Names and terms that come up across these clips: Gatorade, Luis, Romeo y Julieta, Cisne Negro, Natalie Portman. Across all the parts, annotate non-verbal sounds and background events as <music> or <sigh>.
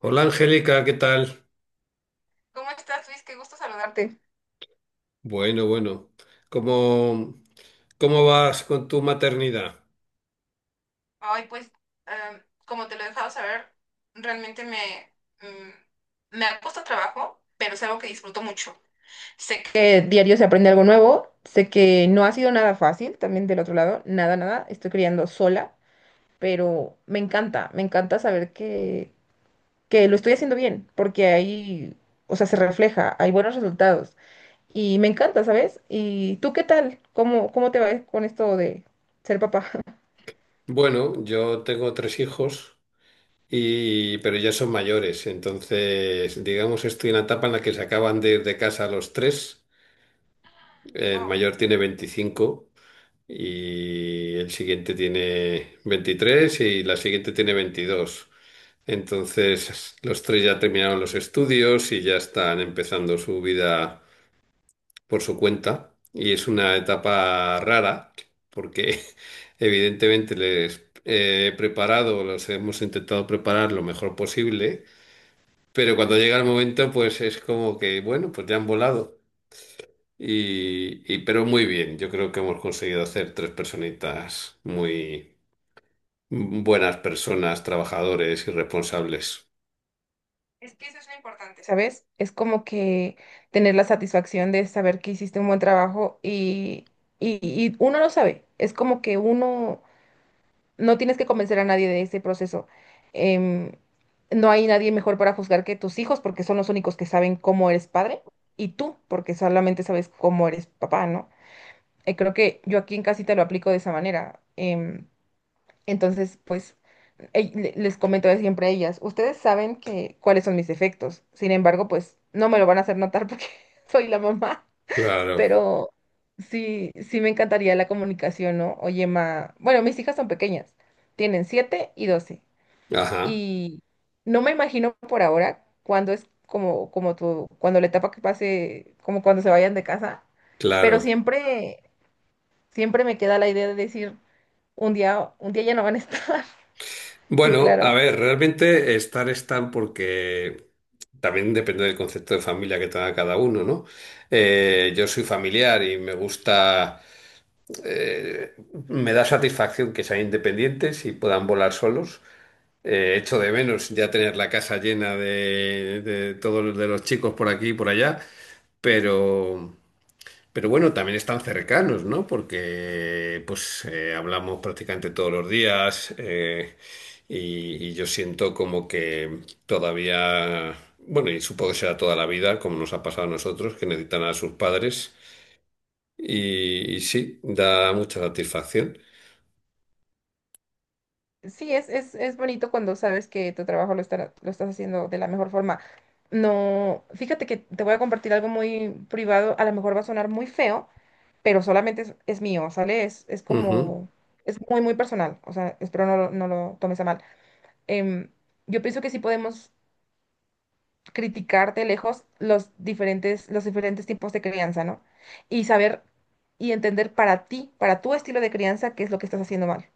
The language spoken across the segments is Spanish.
Hola, Angélica, ¿qué tal? ¿Cómo estás, Luis? Qué gusto saludarte. Bueno, bueno. ¿Cómo, cómo vas con tu maternidad? Ay, pues, como te lo he dejado saber, realmente me ha costado trabajo, pero es algo que disfruto mucho. Sé que diario se aprende algo nuevo, sé que no ha sido nada fácil, también del otro lado, nada, nada, estoy criando sola, pero me encanta saber que lo estoy haciendo bien, porque ahí, o sea, se refleja, hay buenos resultados y me encanta, ¿sabes? ¿Y tú qué tal? ¿Cómo te va con esto de ser papá? <laughs> Bueno, yo tengo tres hijos y pero ya son mayores, entonces digamos estoy en la etapa en la que se acaban de ir de casa los tres. El Wow. mayor tiene 25 y el siguiente tiene 23 y la siguiente tiene 22. Entonces los tres ya terminaron los estudios y ya están empezando su vida por su cuenta y es una etapa rara porque <laughs> evidentemente les he preparado, los hemos intentado preparar lo mejor posible, pero cuando llega el momento pues es como que bueno, pues ya han volado pero muy bien, yo creo que hemos conseguido hacer tres personitas muy buenas personas, trabajadores y responsables. Es que eso es lo importante, ¿sabes? Es como que tener la satisfacción de saber que hiciste un buen trabajo y uno lo sabe. Es como que uno no tienes que convencer a nadie de ese proceso. Em, no hay nadie mejor para juzgar que tus hijos porque son los únicos que saben cómo eres padre y tú porque solamente sabes cómo eres papá, ¿no? Creo que yo aquí en casita lo aplico de esa manera. Entonces, pues, les comento de siempre a ellas, ustedes saben que cuáles son mis defectos. Sin embargo, pues no me lo van a hacer notar porque <laughs> soy la mamá, Claro, pero sí me encantaría la comunicación, ¿no? Oye, ma, bueno, mis hijas son pequeñas, tienen 7 y 12. ajá, Y no me imagino por ahora cuándo es como tu cuando la etapa que pase, como cuando se vayan de casa, pero claro. siempre me queda la idea de decir, un día ya no van a estar. <laughs> Sí, Bueno, a claro. ver, realmente estar están porque también depende del concepto de familia que tenga cada uno, ¿no? Yo soy familiar y me gusta, eh, me da satisfacción que sean independientes y puedan volar solos. Echo de menos ya tener la casa llena de de los chicos por aquí y por allá, pero... Pero bueno, también están cercanos, ¿no? Porque pues hablamos prácticamente todos los días y yo siento como que todavía, bueno, y supongo que será toda la vida, como nos ha pasado a nosotros, que necesitan a sus padres y sí, da mucha satisfacción. Sí, es bonito cuando sabes que tu trabajo lo estás haciendo de la mejor forma. No, fíjate que te voy a compartir algo muy privado, a lo mejor va a sonar muy feo, pero solamente es mío, ¿sale? Es Ujú, como, es muy, muy personal, o sea, espero no lo tomes a mal. Em, yo pienso que sí podemos criticar de lejos los diferentes tipos de crianza, ¿no? Y saber y entender para ti, para tu estilo de crianza, qué es lo que estás haciendo mal.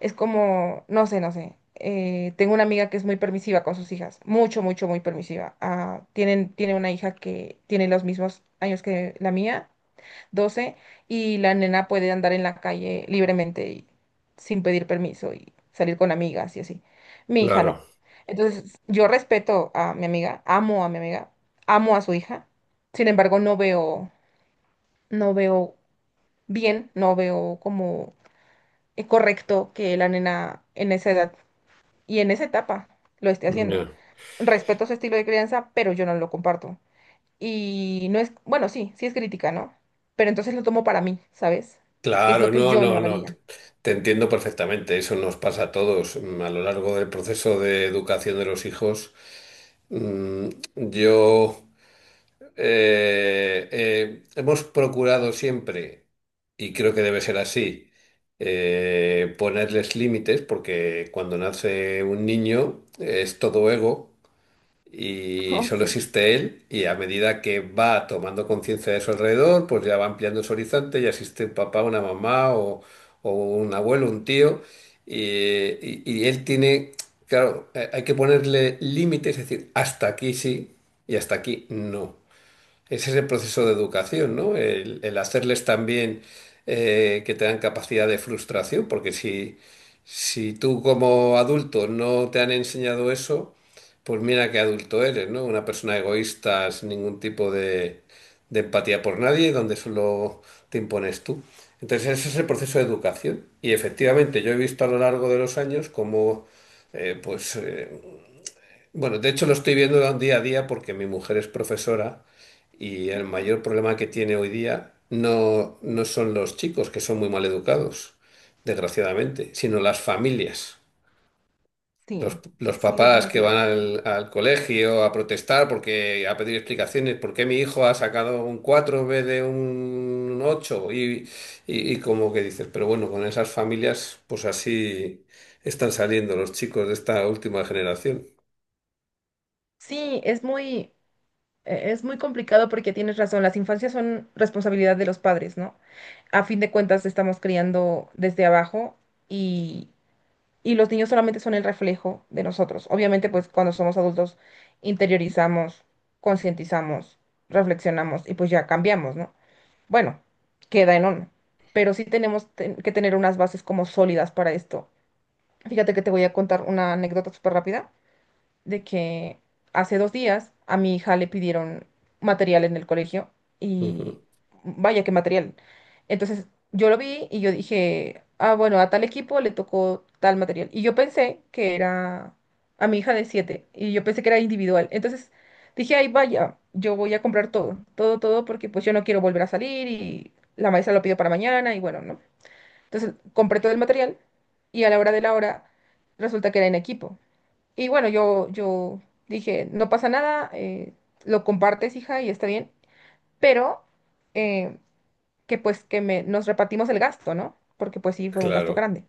Es como, no sé, no sé. Tengo una amiga que es muy permisiva con sus hijas, mucho, mucho, muy permisiva. Ah, tiene una hija que tiene los mismos años que la mía, 12, y la nena puede andar en la calle libremente y sin pedir permiso y salir con amigas y así. Mi hija claro, no. Entonces, yo respeto a mi amiga, amo a mi amiga, amo a su hija. Sin embargo, no veo bien, no veo como correcto que la nena en esa edad y en esa etapa lo esté haciendo. ya. Respeto su estilo de crianza, pero yo no lo comparto. Y no es, bueno, sí, sí es crítica, ¿no? Pero entonces lo tomo para mí, ¿sabes? Que es Claro, lo que no, yo no no, no. Te haría. <laughs> te entiendo perfectamente. Eso nos pasa a todos a lo largo del proceso de educación de los hijos. Mm, Yo hemos procurado siempre, y creo que debe ser así, ponerles límites, porque cuando nace un niño es todo ego y Oh, solo sí. existe él, y a medida que va tomando conciencia de su alrededor, pues ya va ampliando su horizonte, ya existe un papá, una mamá o un abuelo, un tío, y, y él tiene, claro, hay que ponerle límites, es decir, hasta aquí sí y hasta aquí no. Ese es el proceso de educación, ¿no? El hacerles también que tengan capacidad de frustración, porque si, si tú como adulto no te han enseñado eso, pues mira qué adulto eres, ¿no? Una persona egoísta sin ningún tipo de empatía por nadie, donde solo te impones tú. Entonces ese es el proceso de educación. Y efectivamente yo he visto a lo largo de los años cómo eh, pues, eh, bueno, de hecho lo estoy viendo día a día porque mi mujer es profesora y el mayor problema que tiene hoy día no, no son los chicos, que son muy mal educados, desgraciadamente, sino las familias. Sí, Los sí, papás que van definitivamente. al, al colegio a protestar porque a pedir explicaciones, ¿por qué mi hijo ha sacado un 4 en vez de un ocho? Y como que dices, pero bueno, con esas familias pues así están saliendo los chicos de esta última generación. Sí, es muy complicado porque tienes razón, las infancias son responsabilidad de los padres, ¿no? A fin de cuentas estamos criando desde abajo y, y los niños solamente son el reflejo de nosotros. Obviamente, pues cuando somos adultos interiorizamos, concientizamos, reflexionamos y pues ya cambiamos, ¿no? Bueno, queda en uno, pero sí que tener unas bases como sólidas para esto. Fíjate que te voy a contar una anécdota súper rápida de que hace 2 días a mi hija le pidieron material en el colegio y Ujú. vaya qué material. Entonces yo lo vi y yo dije, ah, bueno, a tal equipo le tocó tal material. Y yo pensé que era a mi hija de 7 y yo pensé que era individual. Entonces dije, ay, vaya, yo voy a comprar todo, todo, todo, porque pues yo no quiero volver a salir y la maestra lo pidió para mañana y bueno, ¿no? Entonces compré todo el material y a la hora de la hora resulta que era en equipo. Y bueno, yo dije, no pasa nada, lo compartes, hija, y está bien, pero eh, que pues nos repartimos el gasto, ¿no? Porque pues sí, fue un gasto Claro. grande.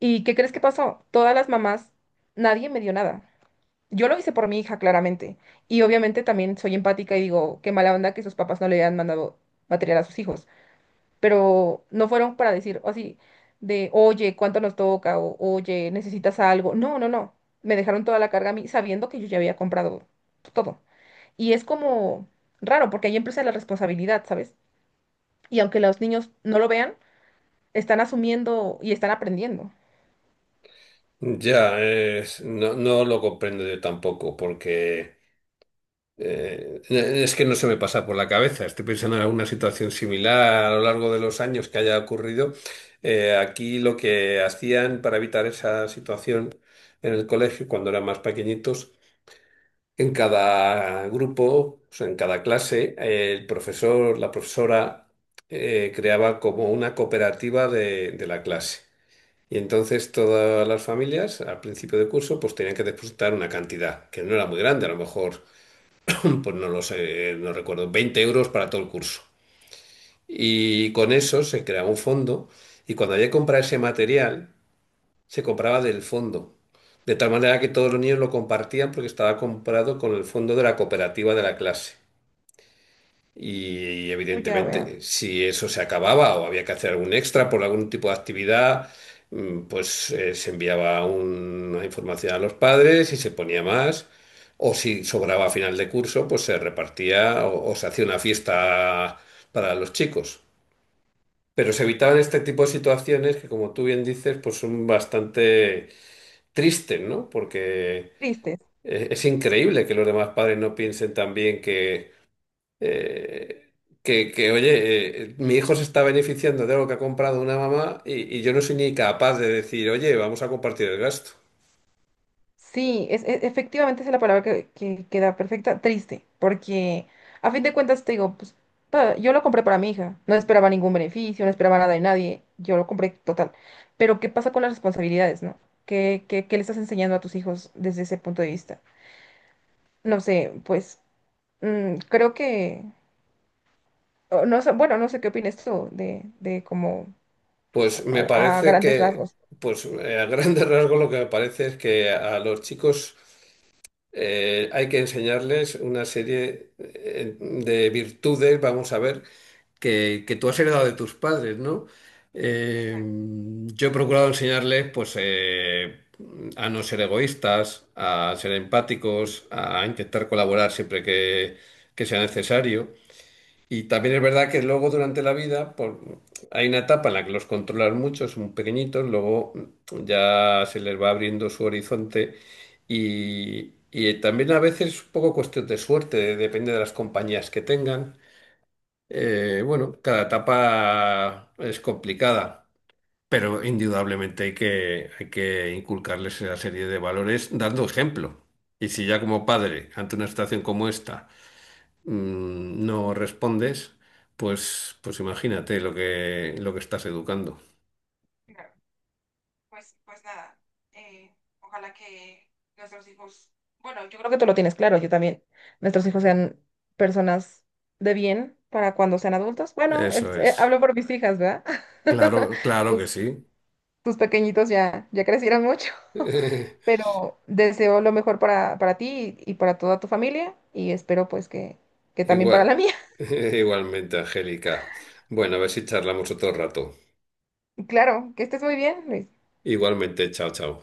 ¿Y qué crees que pasó? Todas las mamás, nadie me dio nada. Yo lo hice por mi hija, claramente. Y obviamente también soy empática y digo, qué mala onda que sus papás no le hayan mandado material a sus hijos, pero no fueron para decir así de, oye, ¿cuánto nos toca? O, oye, ¿necesitas algo? No, no, no. Me dejaron toda la carga a mí sabiendo que yo ya había comprado todo. Y es como raro, porque ahí empieza la responsabilidad, ¿sabes? Y aunque los niños no lo vean, están asumiendo y están aprendiendo. Ya, no, no lo comprendo yo tampoco, porque es que no se me pasa por la cabeza. Estoy pensando en alguna situación similar a lo largo de los años que haya ocurrido. Aquí lo que hacían para evitar esa situación en el colegio, cuando eran más pequeñitos, en cada grupo, o sea, en cada clase, el profesor, la profesora creaba como una cooperativa de la clase. Y entonces todas las familias al principio de curso pues tenían que depositar una cantidad que no era muy grande, a lo mejor, <clears throat> pues no lo sé, no recuerdo, 20 euros para todo el curso. Y con eso se creaba un fondo y cuando había que comprar ese material, se compraba del fondo. De tal manera que todos los niños lo compartían porque estaba comprado con el fondo de la cooperativa de la clase. Y Oh, ya veo. evidentemente, si eso se acababa o había que hacer algún extra por algún tipo de actividad, se enviaba una información a los padres y se ponía más. O si sobraba a final de curso, pues se repartía o se hacía una fiesta para los chicos. Pero se evitaban este tipo de situaciones que, como tú bien dices, pues son bastante tristes, ¿no? Porque Tristes. Es increíble que los demás padres no piensen también eh, que, oye, mi hijo se está beneficiando de algo que ha comprado una mamá y yo no soy ni capaz de decir, oye, vamos a compartir el gasto. Sí, es, efectivamente esa es la palabra que queda perfecta, triste, porque a fin de cuentas te digo, pues yo lo compré para mi hija, no esperaba ningún beneficio, no esperaba nada de nadie, yo lo compré total. Pero ¿qué pasa con las responsabilidades, no? ¿Qué le estás enseñando a tus hijos desde ese punto de vista? No sé, pues creo que, o no sé, bueno, no sé qué opinas tú de como Pues me a parece grandes que, rasgos. pues a grandes <laughs> rasgos lo que me parece es que a los chicos... hay que enseñarles una serie de virtudes, vamos a ver, que tú has heredado de tus padres, ¿no? Eh, yo he procurado enseñarles, pues, a no ser egoístas, a ser empáticos, a intentar colaborar siempre que sea necesario. Y también es verdad que luego durante la vida hay una etapa en la que los controlan mucho, son pequeñitos, luego ya se les va abriendo su horizonte y también a veces es un poco cuestión de suerte, depende de las compañías que tengan. Bueno, cada etapa es complicada, pero indudablemente hay que inculcarles esa serie de valores dando ejemplo. Y si ya como padre, ante una situación como esta, no respondes, pues, pues imagínate lo que estás educando. Pues, pues nada, eh, ojalá que nuestros hijos, bueno, yo creo que tú lo tienes claro, yo también, nuestros hijos sean personas de bien para cuando sean adultos. Bueno, Eso es. hablo por mis hijas, ¿verdad? <laughs> Claro, claro que Tus, sí. tus pequeñitos ya crecieron mucho, <laughs> <laughs> pero deseo lo mejor para ti y para toda tu familia y espero pues que también para la Igual, mía. <laughs> igualmente, Angélica. Bueno, a ver si charlamos otro rato. <laughs> Claro, que estés muy bien, Luis. Igualmente, chao, chao.